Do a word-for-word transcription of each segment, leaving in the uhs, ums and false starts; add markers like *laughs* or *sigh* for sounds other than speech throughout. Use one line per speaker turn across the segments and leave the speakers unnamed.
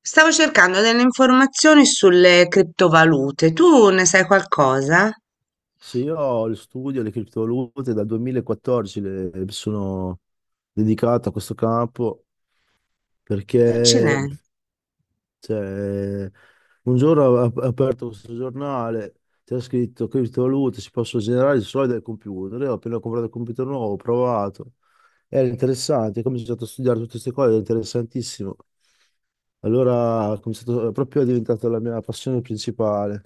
Stavo cercando delle informazioni sulle criptovalute. Tu ne sai qualcosa?
Sì, io ho il studio, le criptovalute dal duemilaquattordici le- mi sono dedicato a questo campo perché
Accidenti.
cioè, un giorno ho ap- aperto questo giornale, c'era scritto criptovalute si possono generare solo dal computer. Io ho appena comprato il computer nuovo, ho provato, era interessante, ho cominciato a studiare tutte queste cose, era interessantissimo. Allora ho cominciato, proprio è diventata la mia passione principale.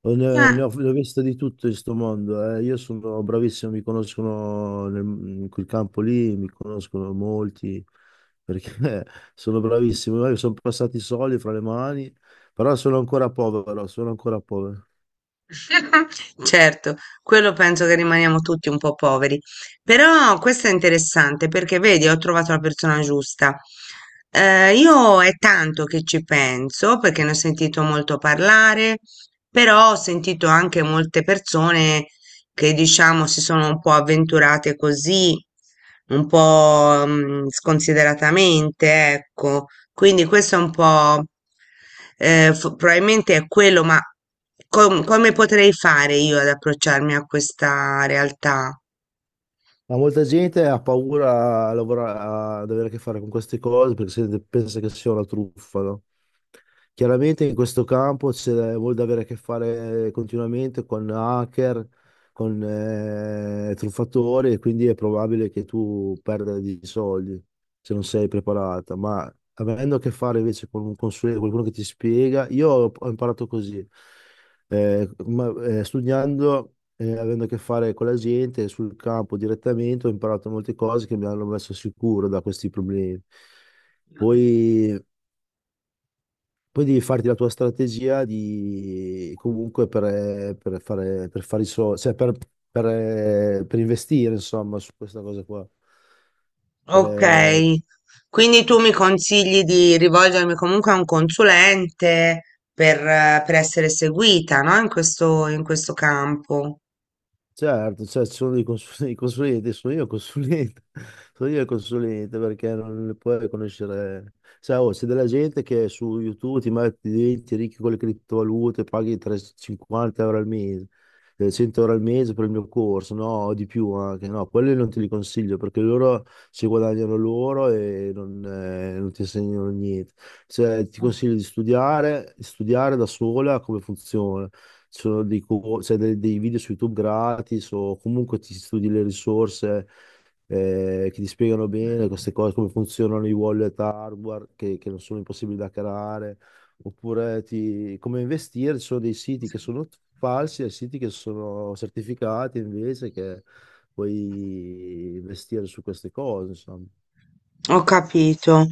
Oh, Ne, ne
Eh.
ho, ne ho viste di tutto in questo mondo. eh. Io sono bravissimo, mi conoscono nel- in quel campo lì, mi conoscono molti perché *laughs* sono bravissimo. Io sono passati i soldi fra le mani, però sono ancora povero, sono ancora povero.
*laughs* Certo, quello penso che rimaniamo tutti un po' poveri, però questo è interessante perché vedi, ho trovato la persona giusta. Eh, io è tanto che ci penso perché ne ho sentito molto parlare, però ho sentito anche molte persone che diciamo si sono un po' avventurate così, un po' mm, sconsideratamente, ecco. Quindi questo è un po', eh, fo- probabilmente è quello, ma com- come potrei fare io ad approcciarmi a questa realtà?
Ma molta gente ha paura a, lavora- ad avere a che fare con queste cose perché se- pensa che sia una truffa, no? Chiaramente in questo campo c'è molto da avere a che fare continuamente con hacker, con eh, truffatori e quindi è probabile che tu perda dei soldi se non sei preparata, ma avendo a che fare invece con un consulente, qualcuno che ti spiega, io ho ho imparato così, eh, ma- eh, studiando eh, avendo a che fare con la gente sul campo direttamente, ho imparato molte cose che mi hanno messo sicuro da questi problemi. Poi, poi devi farti la tua strategia di, comunque per, per fare, per fare i soldi, cioè per, per, per investire, insomma, su questa cosa qua. Per,
Ok, quindi tu mi consigli di rivolgermi comunque a un consulente per, eh, per essere seguita, no? In questo, in questo campo.
Certo, cioè, ci sono dei consul- *laughs* i consulenti, sono io il consulente, *laughs* sono io il consulente perché non le puoi conoscere. Cioè, oh, c'è della gente che su YouTube ti mette diventi ricchi con le criptovalute, paghi trecentocinquanta euro al mese, eh, cento euro al mese per il mio corso, no, o di più anche, no, quelli non te li consiglio perché loro si guadagnano loro e non, eh, non ti insegnano niente. Cioè, ti consiglio di studiare, di studiare da sola come funziona. Ci sono dei, co- cioè, dei- dei video su YouTube gratis o comunque ti studi le risorse eh, che ti spiegano bene queste cose, come funzionano i wallet hardware che, che non sono impossibili da hackerare, oppure ti- come investire. Ci sono dei siti che sono falsi e siti che sono certificati invece che puoi investire su queste cose, insomma.
Ho capito.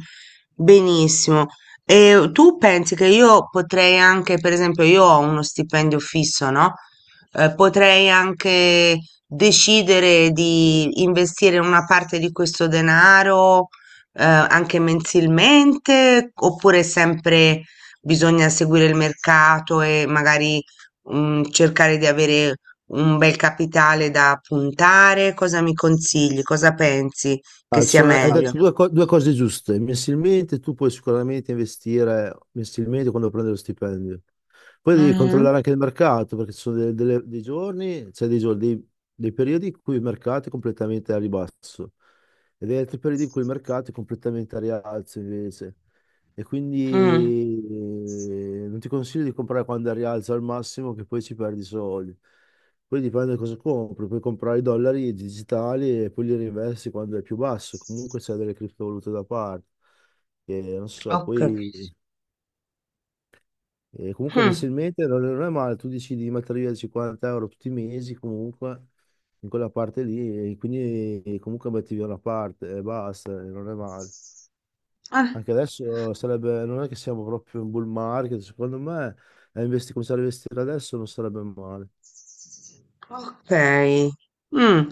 Benissimo. E tu pensi che io potrei anche, per esempio, io ho uno stipendio fisso, no? Eh, potrei anche decidere di investire una parte di questo denaro, eh, anche mensilmente, oppure sempre bisogna seguire il mercato e magari, mm, cercare di avere un bel capitale da puntare? Cosa mi consigli? Cosa pensi che
Ah,
sia
sono- hai
meglio?
detto due, co- due cose giuste. Mensilmente tu puoi sicuramente investire mensilmente quando prendi lo stipendio. Poi devi
Mhm.
controllare anche il mercato, perché ci sono de- delle- dei giorni, cioè dei giorni, dei, dei periodi in cui il mercato è completamente a ribasso e degli altri periodi in cui il mercato è completamente a rialzo invece. E
Mm.
quindi eh, non ti consiglio di comprare quando è a rialzo al massimo, che poi ci perdi soldi. Poi dipende da cosa compri, puoi comprare i dollari digitali e poi li reinvesti quando è più basso. Comunque c'è delle criptovalute da parte. E non so,
Ok.
poi. E comunque
Mm.
mensilmente non non è male, tu decidi di mettere via cinquanta euro tutti i mesi comunque in quella parte lì e quindi eh, comunque metti via una parte e basta, e non è male.
Ah,
Anche adesso sarebbe, non è che siamo proprio in bull market, secondo me eh, investi- cominciare a investire adesso non sarebbe male.
ok. Mm.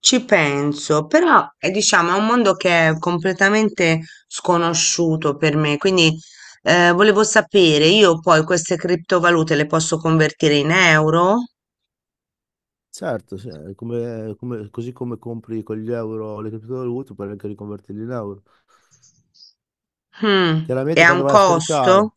Ci penso, però eh, diciamo è un mondo che è completamente sconosciuto per me, quindi eh, volevo sapere, io poi queste criptovalute le posso convertire in euro?
Certo, sì, è come- come- così come compri con gli euro le criptovalute, puoi anche riconvertirli in euro.
Mm. E
Chiaramente
ha un
quando vai a
costo?
scaricare,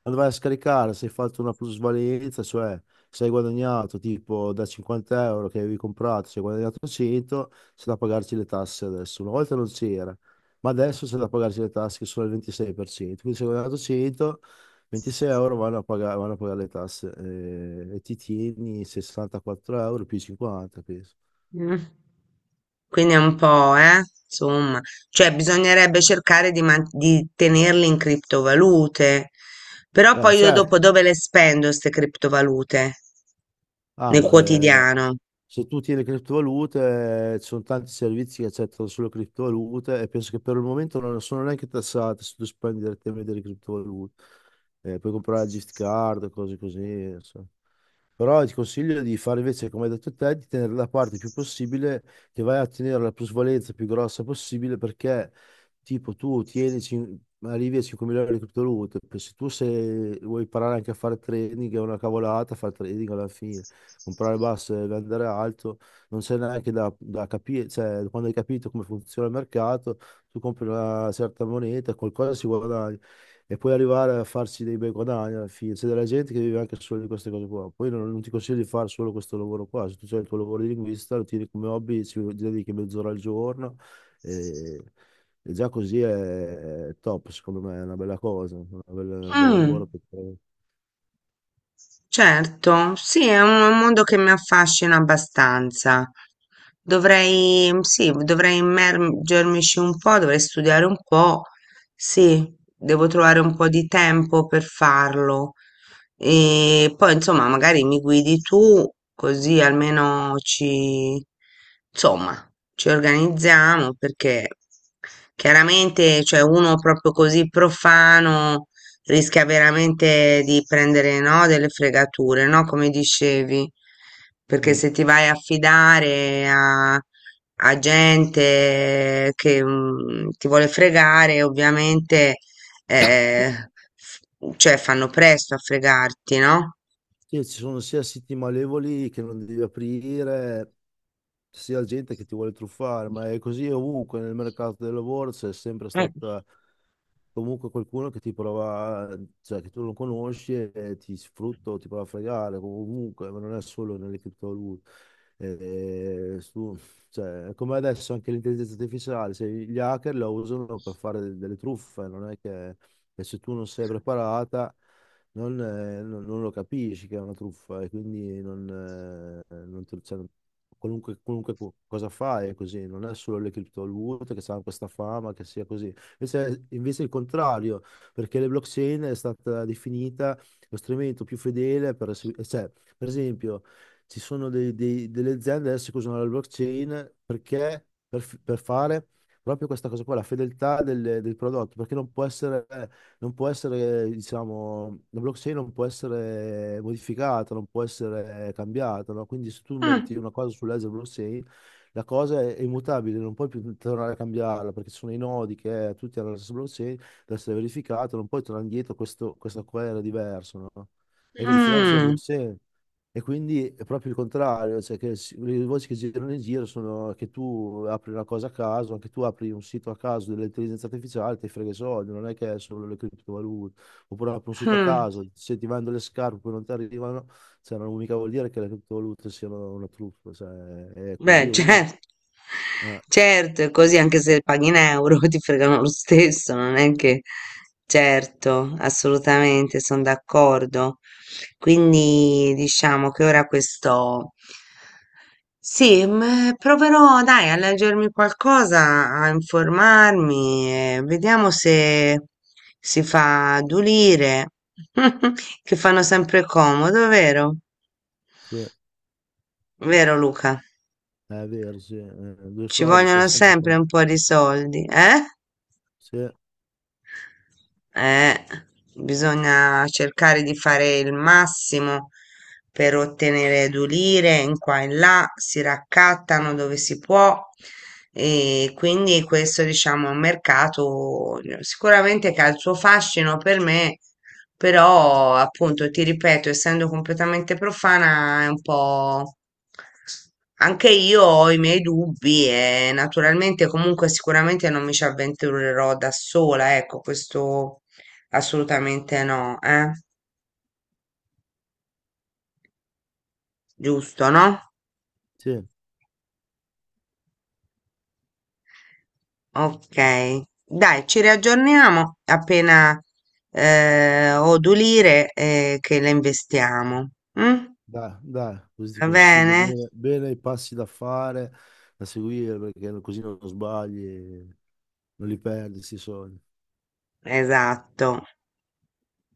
quando vai a scaricare, se hai fatto una plusvalenza, cioè se hai guadagnato tipo da cinquanta euro che avevi comprato, se hai guadagnato cento, c'è da pagarci le tasse adesso. Una volta non c'era, ma adesso c'è da pagarci le tasse che sono il ventisei per cento. Quindi se hai guadagnato cento, ventisei euro vanno a pagare, vanno a pagare le tasse eh, e ti tieni sessantaquattro euro più cinquanta, penso.
Mm. Quindi è un po', eh, insomma, cioè bisognerebbe cercare di, man- di tenerli in criptovalute, però
Beh,
poi io dopo
certo.
dove le spendo queste criptovalute?
Ah,
Nel
eh,
quotidiano.
se tu tieni criptovalute, eh, ci sono tanti servizi che accettano solo criptovalute e penso che per il momento non sono neanche tassate se tu spendi direttamente le criptovalute. Eh, puoi comprare la gift card, cose così. Però ti consiglio di fare invece, come hai detto te, di tenere la parte più possibile, che vai a ottenere la plusvalenza più grossa possibile, perché tipo tu tieni, cin- arrivi a cinquemila euro di criptovalute, poi se tu se vuoi imparare anche a fare trading, è una cavolata fare trading alla fine, comprare basso e vendere alto, non c'è neanche da, da capire, cioè quando hai capito come funziona il mercato, tu compri una certa moneta, qualcosa si guadagna e poi arrivare a farsi dei bei guadagni alla fine. C'è della gente che vive anche solo di queste cose qua. Poi non, non ti consiglio di fare solo questo lavoro qua. Se tu hai il tuo lavoro di linguista, lo tieni come hobby, ci dedichi mezz'ora al giorno e, e già così è, è top, secondo me, è una bella cosa, una bella- un bel
Mm.
lavoro che fai.
Certo, sì, è un un mondo che mi affascina abbastanza. Dovrei, sì, dovrei immergermici un po', dovrei studiare un po'. Sì, devo trovare un po' di tempo per farlo. E poi, insomma, magari mi guidi tu, così almeno ci, insomma, ci organizziamo, perché chiaramente, cioè, uno proprio così profano rischia veramente di prendere, no, delle fregature, no, come dicevi, perché
Mm.
se ti vai a fidare a, a gente che mm, ti vuole fregare, ovviamente, eh, f- cioè fanno presto a fregarti, no?
Sì, ci sono sia siti malevoli che non devi aprire, sia gente che ti vuole truffare, ma è così ovunque nel mercato del lavoro, c'è sempre
Eh,
stata comunque qualcuno che ti prova, cioè che tu non conosci e ti sfrutta, o ti prova a fregare, comunque, ma non è solo nelle criptovalute. Eh, su- cioè, come adesso anche l'intelligenza artificiale, se gli hacker la usano per fare de- delle truffe, non è che e se tu non sei preparata non, eh, non- non lo capisci che è una truffa e quindi non, eh, non te- cioè, qualunque, qualunque co- cosa fai è così, non è solo le criptovalute che hanno questa fama che sia così. Invece, invece è il contrario, perché le blockchain è stata definita lo strumento più fedele per, esegu- cioè, per esempio, ci sono dei- dei- delle aziende adesso che usano la blockchain perché per, f- per fare proprio questa cosa qua, la fedeltà del, del prodotto, perché non può essere non può essere, diciamo, la blockchain non può essere modificata, non può essere cambiata, no? Quindi se tu
Mm,
metti una cosa sul ledger blockchain, la cosa è immutabile, non puoi più tornare a cambiarla perché ci sono i nodi che tutti hanno la stessa blockchain, deve essere verificato, non puoi tornare indietro, questo, questa qua era diverso, no? È verificato sulla
mm,
blockchain. E quindi è proprio il contrario, cioè che si- le voci che girano in giro sono che tu apri una cosa a caso, anche tu apri un sito a caso dell'intelligenza artificiale, ti frega i soldi, non è che è solo le criptovalute, oppure apri un sito a
mm.
caso, se ti vendono le scarpe poi non ti arrivano, cioè non mica vuol dire che le criptovalute siano una truffa, cioè è così.
Beh, *laughs*
uh,
certo,
eh,
certo, è così anche se paghi in euro *laughs* ti fregano lo stesso, non è che... Certo, assolutamente, sono d'accordo. Quindi diciamo che ora questo... Sì, m- proverò, dai, a leggermi qualcosa, a informarmi, e vediamo se si fa adulire, *laughs* che fanno sempre comodo, vero?
sì,
Vero, Luca?
è vero, sì, eh, due
Ci
soldi fa
vogliono
sempre
sempre
conto,
un po' di soldi, eh?
sì,
Eh, bisogna cercare di fare il massimo per ottenere edulire in qua e in là, si raccattano dove si può e quindi questo diciamo è un mercato eh, sicuramente che ha il suo fascino per me però, appunto, ti ripeto, essendo completamente profana, è un po'... Anche io ho i miei dubbi e naturalmente comunque sicuramente non mi ci avventurerò da sola, ecco, questo assolutamente no, eh? Giusto, no?
sì.
Ok. Dai, ci riaggiorniamo appena eh, ho d'ulire eh, che le investiamo. Mm?
Dai, dai, così ti
Va
consiglio
bene?
bene, bene i passi da fare, da seguire, perché così non sbagli, non li perdi, si soldi.
Esatto.